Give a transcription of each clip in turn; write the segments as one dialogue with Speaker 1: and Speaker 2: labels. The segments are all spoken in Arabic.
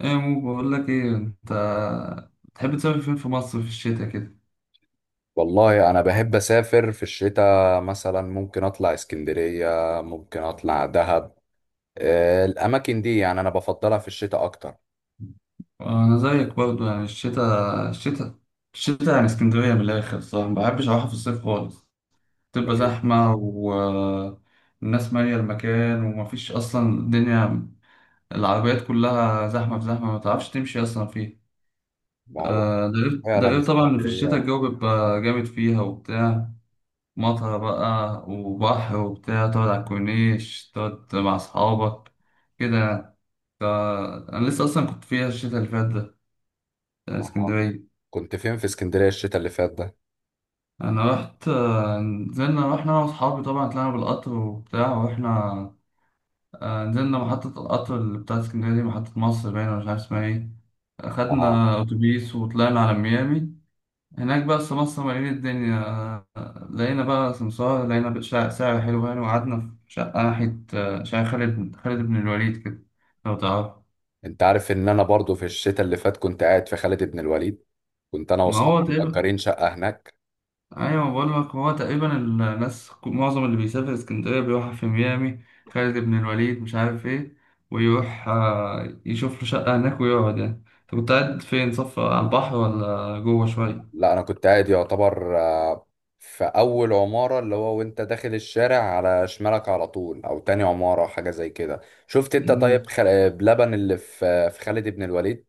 Speaker 1: ايه مو بقول لك ايه انت بتحب تسافر فين في مصر في الشتاء كده؟
Speaker 2: والله انا بحب اسافر في الشتاء، مثلا ممكن اطلع اسكندرية، ممكن اطلع دهب. الاماكن دي يعني انا بفضلها في الشتاء اكتر.
Speaker 1: انا زيك برضو يعني الشتاء يعني اسكندريه من الاخر صح. ما بحبش اروحها في الصيف خالص.
Speaker 2: ما
Speaker 1: تبقى
Speaker 2: هي
Speaker 1: زحمه والناس ماليه المكان ومفيش اصلا الدنيا. العربيات كلها زحمه في زحمه ما تعرفش تمشي اصلا فيه.
Speaker 2: ما هو
Speaker 1: ده
Speaker 2: فعلا
Speaker 1: غير طبعا إن في الشتاء
Speaker 2: اسكندرية.
Speaker 1: الجو بيبقى جامد فيها وبتاع. مطرة بقى وبحر وبتاع تقعد على الكورنيش تقعد مع أصحابك كده يعني. ف- أنا لسه أصلا كنت فيها الشتا اللي فات ده بتاع
Speaker 2: آه.
Speaker 1: اسكندرية.
Speaker 2: كنت فين في اسكندرية الشتاء اللي فات ده؟
Speaker 1: أنا رحت، نزلنا رحنا أنا وأصحابي طبعا طلعنا بالقطر وبتاع ورحنا. نزلنا محطة القطر اللي بتاعت اسكندرية دي محطة مصر باينة مش عارف اسمها ايه.
Speaker 2: اه،
Speaker 1: أخدنا أتوبيس وطلعنا على ميامي. هناك بقى في مصر مليانة الدنيا. لقينا بقى سمسار لقينا شقة سعر حلو يعني وقعدنا في شقة ناحية، شقة خالد بن الوليد كده لو تعرف.
Speaker 2: انت عارف ان انا برضو في الشتاء اللي فات كنت قاعد في خالد بن الوليد، كنت انا
Speaker 1: ما
Speaker 2: واصحابي
Speaker 1: هو تقريبا.
Speaker 2: مأجرين شقة هناك.
Speaker 1: أيوة بقول لك هو تقريبا الناس معظم اللي بيسافر اسكندرية بيروح في ميامي خالد بن الوليد مش عارف إيه ويروح، يشوف له شقة هناك ويقعد يعني. أنت كنت قاعد فين صف على البحر ولا جوه شوية؟
Speaker 2: لا انا كنت قاعد يعتبر، في اول عمارة، اللي هو وانت داخل الشارع على شمالك على طول، او تاني عمارة، حاجة زي كده. شفت انت طيب
Speaker 1: مم.
Speaker 2: بلبن اللي في خالد بن الوليد؟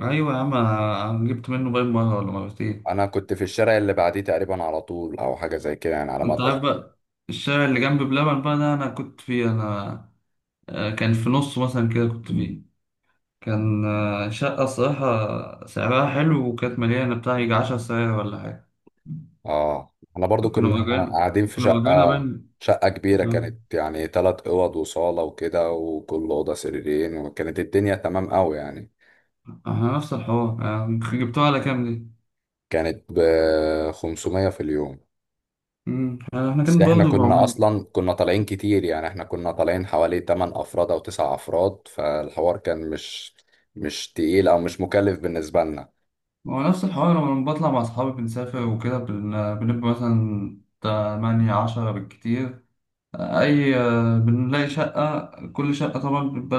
Speaker 1: أيوة يا عم أنا جبت منه باين مرة ولا مرتين.
Speaker 2: انا كنت في الشارع اللي بعديه تقريبا على طول، او حاجة زي كده يعني، على ما
Speaker 1: أنت عارف
Speaker 2: اتذكر.
Speaker 1: بقى الشارع اللي جنب بلبن بقى ده أنا كنت فيه أنا. كان في نص مثلا كده كنت فيه. كان، شقة الصراحة سعرها حلو وكانت مليانة بتاع يجي 10 ساعات ولا حاجة.
Speaker 2: اه انا برضو
Speaker 1: كنا
Speaker 2: كنا
Speaker 1: مأجرين
Speaker 2: قاعدين في
Speaker 1: كنا مأجرينها
Speaker 2: شقة،
Speaker 1: بين.
Speaker 2: شقة كبيرة
Speaker 1: آه،
Speaker 2: كانت يعني، تلات اوض وصالة وكده، وكل اوضة سريرين، وكانت الدنيا تمام قوي يعني.
Speaker 1: احنا نفس الحوار. آه، جبتوها على كام دي؟
Speaker 2: كانت ب 500 في اليوم،
Speaker 1: مم. يعني احنا
Speaker 2: بس
Speaker 1: كان
Speaker 2: احنا
Speaker 1: برضه
Speaker 2: كنا
Speaker 1: بعمل.
Speaker 2: اصلا كنا طالعين كتير، يعني احنا كنا طالعين حوالي 8 افراد او 9 افراد، فالحوار كان مش تقيل او مش مكلف بالنسبة لنا.
Speaker 1: هو نفس الحوار لما بطلع مع أصحابي بنسافر وكده بنبقى مثلا 18 بالكتير. أي، بنلاقي شقة كل شقة طبعا بيبقى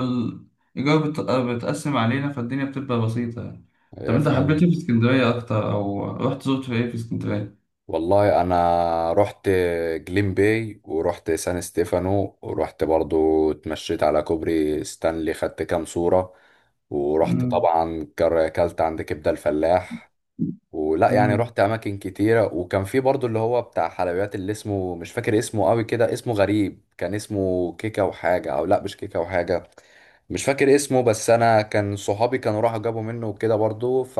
Speaker 1: الإيجار بتقسم علينا فالدنيا بتبقى بسيطة يعني. طب
Speaker 2: يا
Speaker 1: أنت، حبيت إيه
Speaker 2: فاهم.
Speaker 1: في اسكندرية أكتر أو رحت زرت في إيه في اسكندرية؟
Speaker 2: والله انا رحت جليم باي، ورحت سان ستيفانو، ورحت برضو اتمشيت على كوبري ستانلي، خدت كام صورة. ورحت
Speaker 1: مم.
Speaker 2: طبعا اكلت عند كبدة الفلاح. ولا يعني
Speaker 1: مم.
Speaker 2: رحت اماكن كتيره، وكان في برضو اللي هو بتاع حلويات، اللي اسمه مش فاكر اسمه قوي، كده اسمه غريب، كان اسمه كيكه وحاجه، او لا مش كيكه وحاجه، مش فاكر اسمه. بس انا كان صحابي كانوا راحوا جابوا منه وكده برضو، ف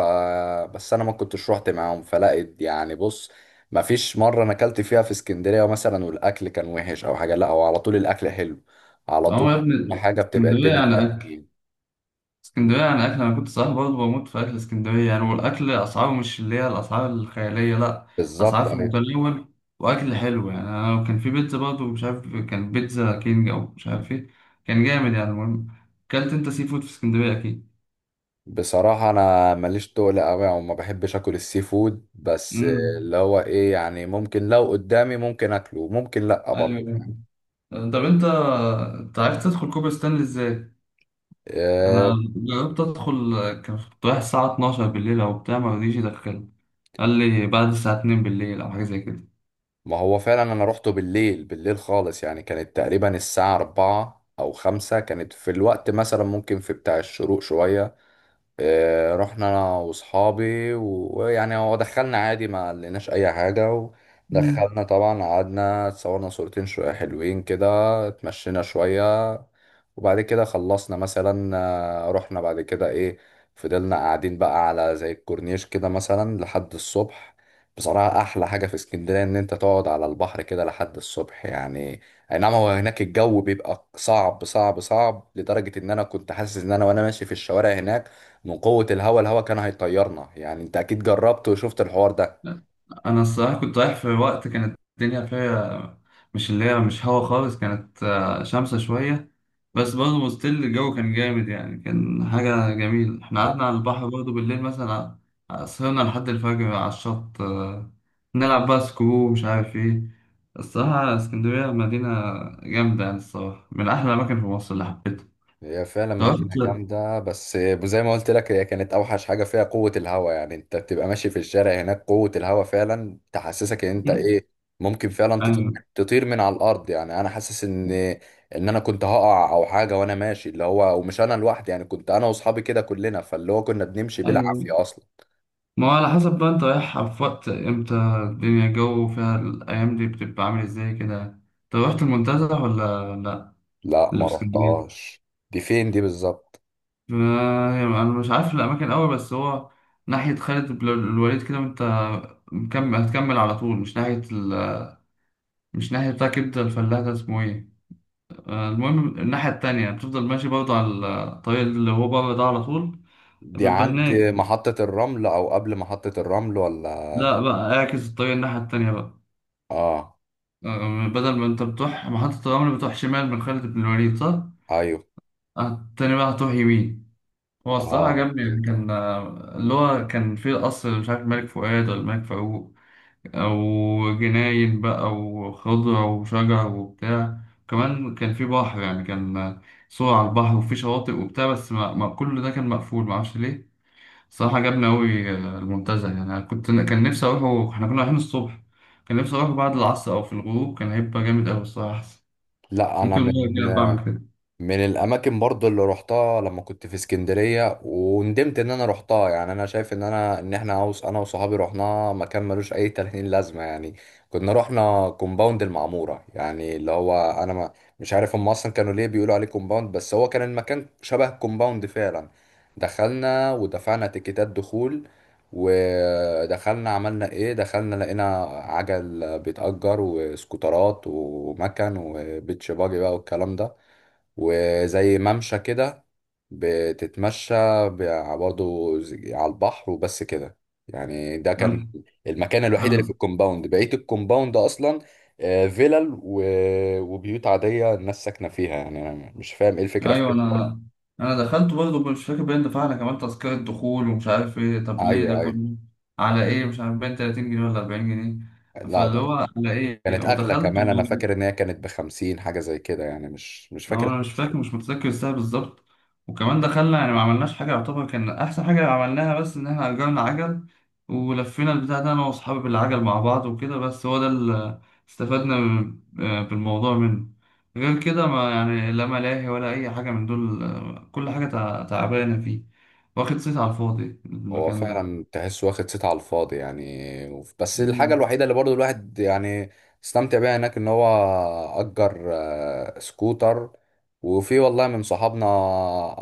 Speaker 2: بس انا ما كنتش رحت معاهم، فلقيت يعني بص، ما فيش مره انا اكلت فيها في اسكندريه مثلا والاكل كان وحش او حاجه، لا هو على طول الاكل حلو، على طول
Speaker 1: أه يا ابني
Speaker 2: حاجه بتبقى
Speaker 1: اسكندرية
Speaker 2: الدنيا
Speaker 1: يعني.
Speaker 2: فيها تمام.
Speaker 1: اسكندرية يعني أكل أنا كنت صراحة برضه بموت في أكل اسكندرية يعني والأكل أسعاره مش اللي هي الأسعار الخيالية لأ. أسعار
Speaker 2: بالظبط
Speaker 1: في
Speaker 2: أيوه.
Speaker 1: المتناول وأكل حلو يعني أنا كان في بيتزا برضه مش عارف كان بيتزا كينج أو مش عارف إيه كان جامد يعني المهم. أكلت أنت سي فود في اسكندرية أكيد؟
Speaker 2: بصراحة أنا ماليش تقل أوي وما بحبش أكل السي فود، بس
Speaker 1: أمم.
Speaker 2: اللي هو إيه يعني، ممكن لو قدامي ممكن أكله، ممكن لأ،
Speaker 1: أيوه
Speaker 2: برضه
Speaker 1: أيوة.
Speaker 2: فاهم.
Speaker 1: طب أنت عرفت تدخل كوبري ستانلي إزاي؟ أنا
Speaker 2: آه،
Speaker 1: جربت أدخل. كنت رايح الساعة 12 بالليل أو بتاع مرضيش يدخلني. قال لي بعد الساعة 2 بالليل أو حاجة زي كده.
Speaker 2: ما هو فعلا أنا روحته بالليل، بالليل خالص يعني، كانت تقريبا الساعة أربعة أو خمسة، كانت في الوقت مثلا ممكن في بتاع الشروق شوية. رحنا انا واصحابي ويعني هو دخلنا عادي، ما لقيناش اي حاجه.
Speaker 1: مم.
Speaker 2: ودخلنا طبعا، قعدنا اتصورنا صورتين شويه حلوين كده، اتمشينا شويه، وبعد كده خلصنا مثلا، رحنا بعد كده ايه، فضلنا قاعدين بقى على زي الكورنيش كده مثلا لحد الصبح. بصراحة أحلى حاجة في اسكندرية إن أنت تقعد على البحر كده لحد الصبح يعني. أي نعم، هو هناك الجو بيبقى صعب صعب صعب، لدرجة إن أنا كنت حاسس إن أنا وأنا ماشي في الشوارع هناك من قوة الهوا، الهوا كان هيطيرنا يعني، انت اكيد جربت وشفت الحوار ده.
Speaker 1: انا الصراحه كنت رايح في وقت كانت الدنيا فيها مش اللي هي مش هوا خالص كانت، شمسة شويه. بس برضه ستيل الجو كان جامد يعني كان حاجه جميله احنا
Speaker 2: لا
Speaker 1: قعدنا على البحر برضه بالليل مثلا. سهرنا لحد الفجر على الشط، نلعب بقى سكرو مش عارف ايه. الصراحه اسكندريه مدينه جامده يعني الصراحه من احلى الاماكن في مصر اللي حبيتها.
Speaker 2: هي فعلا
Speaker 1: رحت.
Speaker 2: مدينة جامدة، بس زي ما قلت لك، هي كانت اوحش حاجة فيها قوة الهوا، يعني انت بتبقى ماشي في الشارع هناك، قوة الهوا فعلا تحسسك ان انت ايه، ممكن فعلا تطير،
Speaker 1: ايوه
Speaker 2: تطير من على الارض، يعني انا حاسس ان انا كنت هقع او حاجة وانا ماشي، اللي هو، ومش انا لوحدي يعني، كنت انا واصحابي كده كلنا، فاللي هو كنا بنمشي
Speaker 1: ايوه.
Speaker 2: بالعافية اصلا.
Speaker 1: ما هو على حسب بقى انت رايح في وقت امتى. الدنيا الجو فيها الايام دي بتبقى عامل ازاي كده. طب رحت المنتزه ولا لا
Speaker 2: لا
Speaker 1: اللي
Speaker 2: ما
Speaker 1: في اسكندريه؟
Speaker 2: رحتهاش، دي فين دي بالظبط؟
Speaker 1: انا مش عارف الاماكن قوي بس هو ناحيه خالد بن الوليد كده وانت مكمل هتكمل على طول مش ناحيه مش ناحيه بتاع كبده الفلاح ده اسمه ايه. المهم الناحيه التانية بتفضل ماشي برضه على الطريق اللي هو بره ده على طول
Speaker 2: دي
Speaker 1: بيبقى
Speaker 2: عند
Speaker 1: هناك.
Speaker 2: محطة الرمل أو قبل محطة الرمل ولا؟
Speaker 1: لا بقى اعكس الطريق الناحيه التانية بقى.
Speaker 2: آه،
Speaker 1: بدل ما انت بتروح محطة الرمل بتروح شمال من خالد بن الوليد صح؟
Speaker 2: أيوه.
Speaker 1: التاني بقى هتروح يمين. هو الصراحة
Speaker 2: آه
Speaker 1: عجبني يعني
Speaker 2: فهمتك.
Speaker 1: كان، اللي هو كان فيه القصر مش عارف ملك فؤاد ولا ملك فاروق أو جناين بقى وخضرة وشجر وبتاع. كمان كان فيه بحر يعني كان، صور على البحر وفيه شواطئ وبتاع بس ما كل ده كان مقفول معرفش ليه. الصراحة عجبني أوي، المنتزه يعني أنا كنت كان نفسي أروحه إحنا كنا رايحين الصبح. كان نفسي أروحه بعد العصر أو في الغروب كان هيبقى جامد أوي الصراحة.
Speaker 2: لا أنا
Speaker 1: ممكن المرة
Speaker 2: من
Speaker 1: الجاية بعمل كده.
Speaker 2: من الاماكن برضو اللي روحتها لما كنت في اسكندريه وندمت ان انا روحتها، يعني انا شايف ان انا ان احنا عاوز، انا وصحابي روحناها مكان ملوش اي 30 لازمه يعني. كنا روحنا كومباوند المعموره، يعني اللي هو انا ما مش عارف هم اصلا كانوا ليه بيقولوا عليه كومباوند، بس هو كان المكان شبه كومباوند فعلا. دخلنا ودفعنا تيكيتات دخول، ودخلنا عملنا ايه، دخلنا لقينا عجل بيتأجر وسكوترات ومكن وبيتش باجي بقى والكلام ده، وزي ممشى كده بتتمشى برضه على البحر، وبس كده يعني. ده كان
Speaker 1: أنا
Speaker 2: المكان الوحيد اللي في
Speaker 1: أنا
Speaker 2: الكومباوند، بقية الكومباوند أصلا فيلل وبيوت عادية الناس ساكنة فيها، يعني أنا مش فاهم إيه الفكرة في
Speaker 1: أيوه،
Speaker 2: كده
Speaker 1: أنا
Speaker 2: برضه.
Speaker 1: أنا دخلت برضه مش فاكر باين دفعنا كمان تذكرة دخول ومش عارف إيه طب ليه ده
Speaker 2: أيوه أيوه،
Speaker 1: كله على إيه مش عارف باين 30 جنيه ولا 40 جنيه.
Speaker 2: لا
Speaker 1: فاللي
Speaker 2: ده
Speaker 1: هو على إيه
Speaker 2: كانت أغلى
Speaker 1: ودخلت.
Speaker 2: كمان، أنا فاكر إن هي كانت بخمسين حاجة زي كده يعني، مش
Speaker 1: هو
Speaker 2: فاكر.
Speaker 1: انا مش فاكر مش متذكر الساعه بالظبط. وكمان دخلنا يعني ما عملناش حاجه يعتبر كان احسن حاجه عملناها بس ان احنا اجرنا عجل ولفينا البتاع ده انا واصحابي بالعجل مع بعض وكده بس هو ده اللي استفدنا، بالموضوع منه. غير كده ما يعني لا ملاهي ولا اي حاجه من دول، كل حاجه تعبانه فيه. واخد صيت على الفاضي
Speaker 2: هو
Speaker 1: المكان ده.
Speaker 2: فعلا تحس واخد صيت على الفاضي يعني. بس الحاجة
Speaker 1: مم.
Speaker 2: الوحيدة اللي برضو الواحد يعني استمتع بيها هناك ان هو أجر سكوتر، وفي والله من صحابنا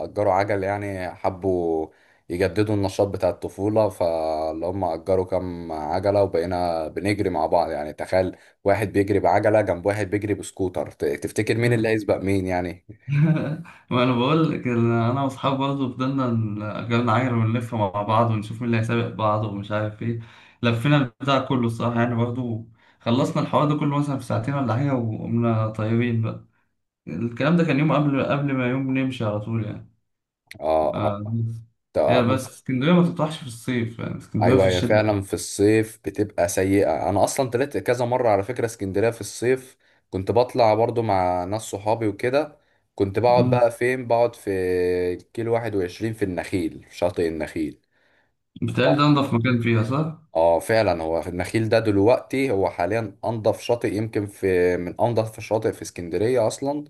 Speaker 2: أجروا عجل، يعني حبوا يجددوا النشاط بتاع الطفولة، فاللي هم أجروا كام عجلة، وبقينا بنجري مع بعض، يعني تخيل، واحد بيجري بعجلة جنب واحد بيجري بسكوتر، تفتكر مين اللي هيسبق مين يعني.
Speaker 1: ما انا بقول لك إن انا واصحابي برضه فضلنا، جالنا عجله ونلف مع بعض ونشوف مين اللي هيسابق بعض ومش عارف ايه. لفينا البتاع كله الصراحه يعني برضه. خلصنا الحوار ده كله مثلا في ساعتين ولا حاجه وقمنا طايرين بقى. الكلام ده كان يوم قبل ما يوم نمشي على طول يعني.
Speaker 2: اه. اه.
Speaker 1: آه بس. هي
Speaker 2: طب.
Speaker 1: بس اسكندريه ما تطرحش في الصيف يعني اسكندريه في
Speaker 2: ايوه هي
Speaker 1: الشتاء.
Speaker 2: فعلا في الصيف بتبقى سيئة، انا اصلا طلعت كذا مرة على فكرة اسكندرية في الصيف، كنت بطلع برضو مع ناس صحابي وكده، كنت بقعد
Speaker 1: مم.
Speaker 2: بقى فين، بقعد في كيلو 21، في النخيل، في شاطئ النخيل.
Speaker 1: بيتهيألي ده
Speaker 2: ف-
Speaker 1: انضف مكان فيها صح؟
Speaker 2: اه فعلا هو النخيل ده دلوقتي هو حاليا انضف شاطئ، يمكن في من انضف الشاطئ في اسكندرية اصلا.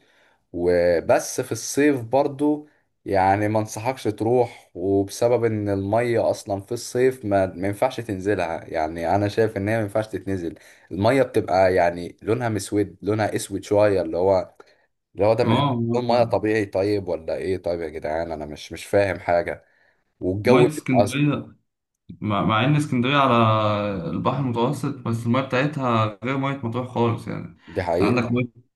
Speaker 2: وبس في الصيف برضو يعني ما انصحكش تروح، وبسبب ان المية اصلا في الصيف ما ينفعش تنزلها، يعني انا شايف ان هي ما ينفعش تتنزل، المية بتبقى يعني لونها مسود، لونها اسود شوية، اللي هو اللي هو ده من لون مية
Speaker 1: اه.
Speaker 2: طبيعي طيب ولا ايه؟ طيب يا جدعان انا مش فاهم حاجة،
Speaker 1: مية
Speaker 2: والجو بيبقى أزرق.
Speaker 1: اسكندرية مع إن اسكندرية على البحر المتوسط بس المية بتاعتها غير مية مطروح خالص يعني
Speaker 2: دي
Speaker 1: أنت عندك
Speaker 2: حقيقة.
Speaker 1: مية.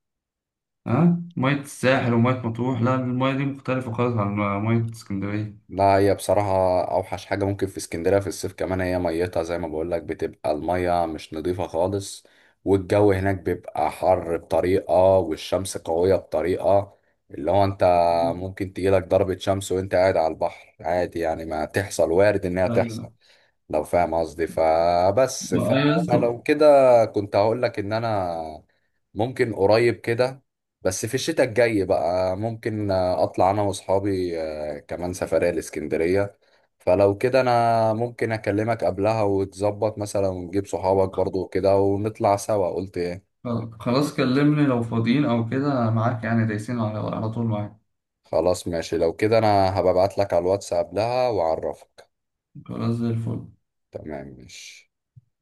Speaker 1: ها مية الساحل ومية مطروح لا المية دي مختلفة خالص عن مية اسكندرية.
Speaker 2: لا هي بصراحة أوحش حاجة ممكن في اسكندرية في الصيف، كمان هي ميتها زي ما بقولك بتبقى المية مش نظيفة خالص، والجو هناك بيبقى حر بطريقة، والشمس قوية بطريقة، اللي هو أنت
Speaker 1: مم.
Speaker 2: ممكن تجيلك ضربة شمس وأنت قاعد على البحر عادي يعني، ما تحصل، وارد إنها تحصل.
Speaker 1: أيوة،
Speaker 2: لو فاهم قصدي، فبس
Speaker 1: أيوة
Speaker 2: فانا
Speaker 1: لسه.
Speaker 2: لو كده كنت هقول لك ان انا ممكن قريب كده، بس في الشتاء الجاي بقى ممكن اطلع انا واصحابي كمان سفرية الاسكندرية، فلو كده انا ممكن اكلمك قبلها وتظبط مثلا، ونجيب صحابك برضو كده ونطلع سوا، قلت ايه؟
Speaker 1: خلاص كلمني لو فاضيين أو كده معاك يعني دايسين على طول معاك.
Speaker 2: خلاص ماشي، لو كده انا هبعت لك على الواتس قبلها واعرفك.
Speaker 1: خلاص زي الفل.
Speaker 2: تمام ماشي.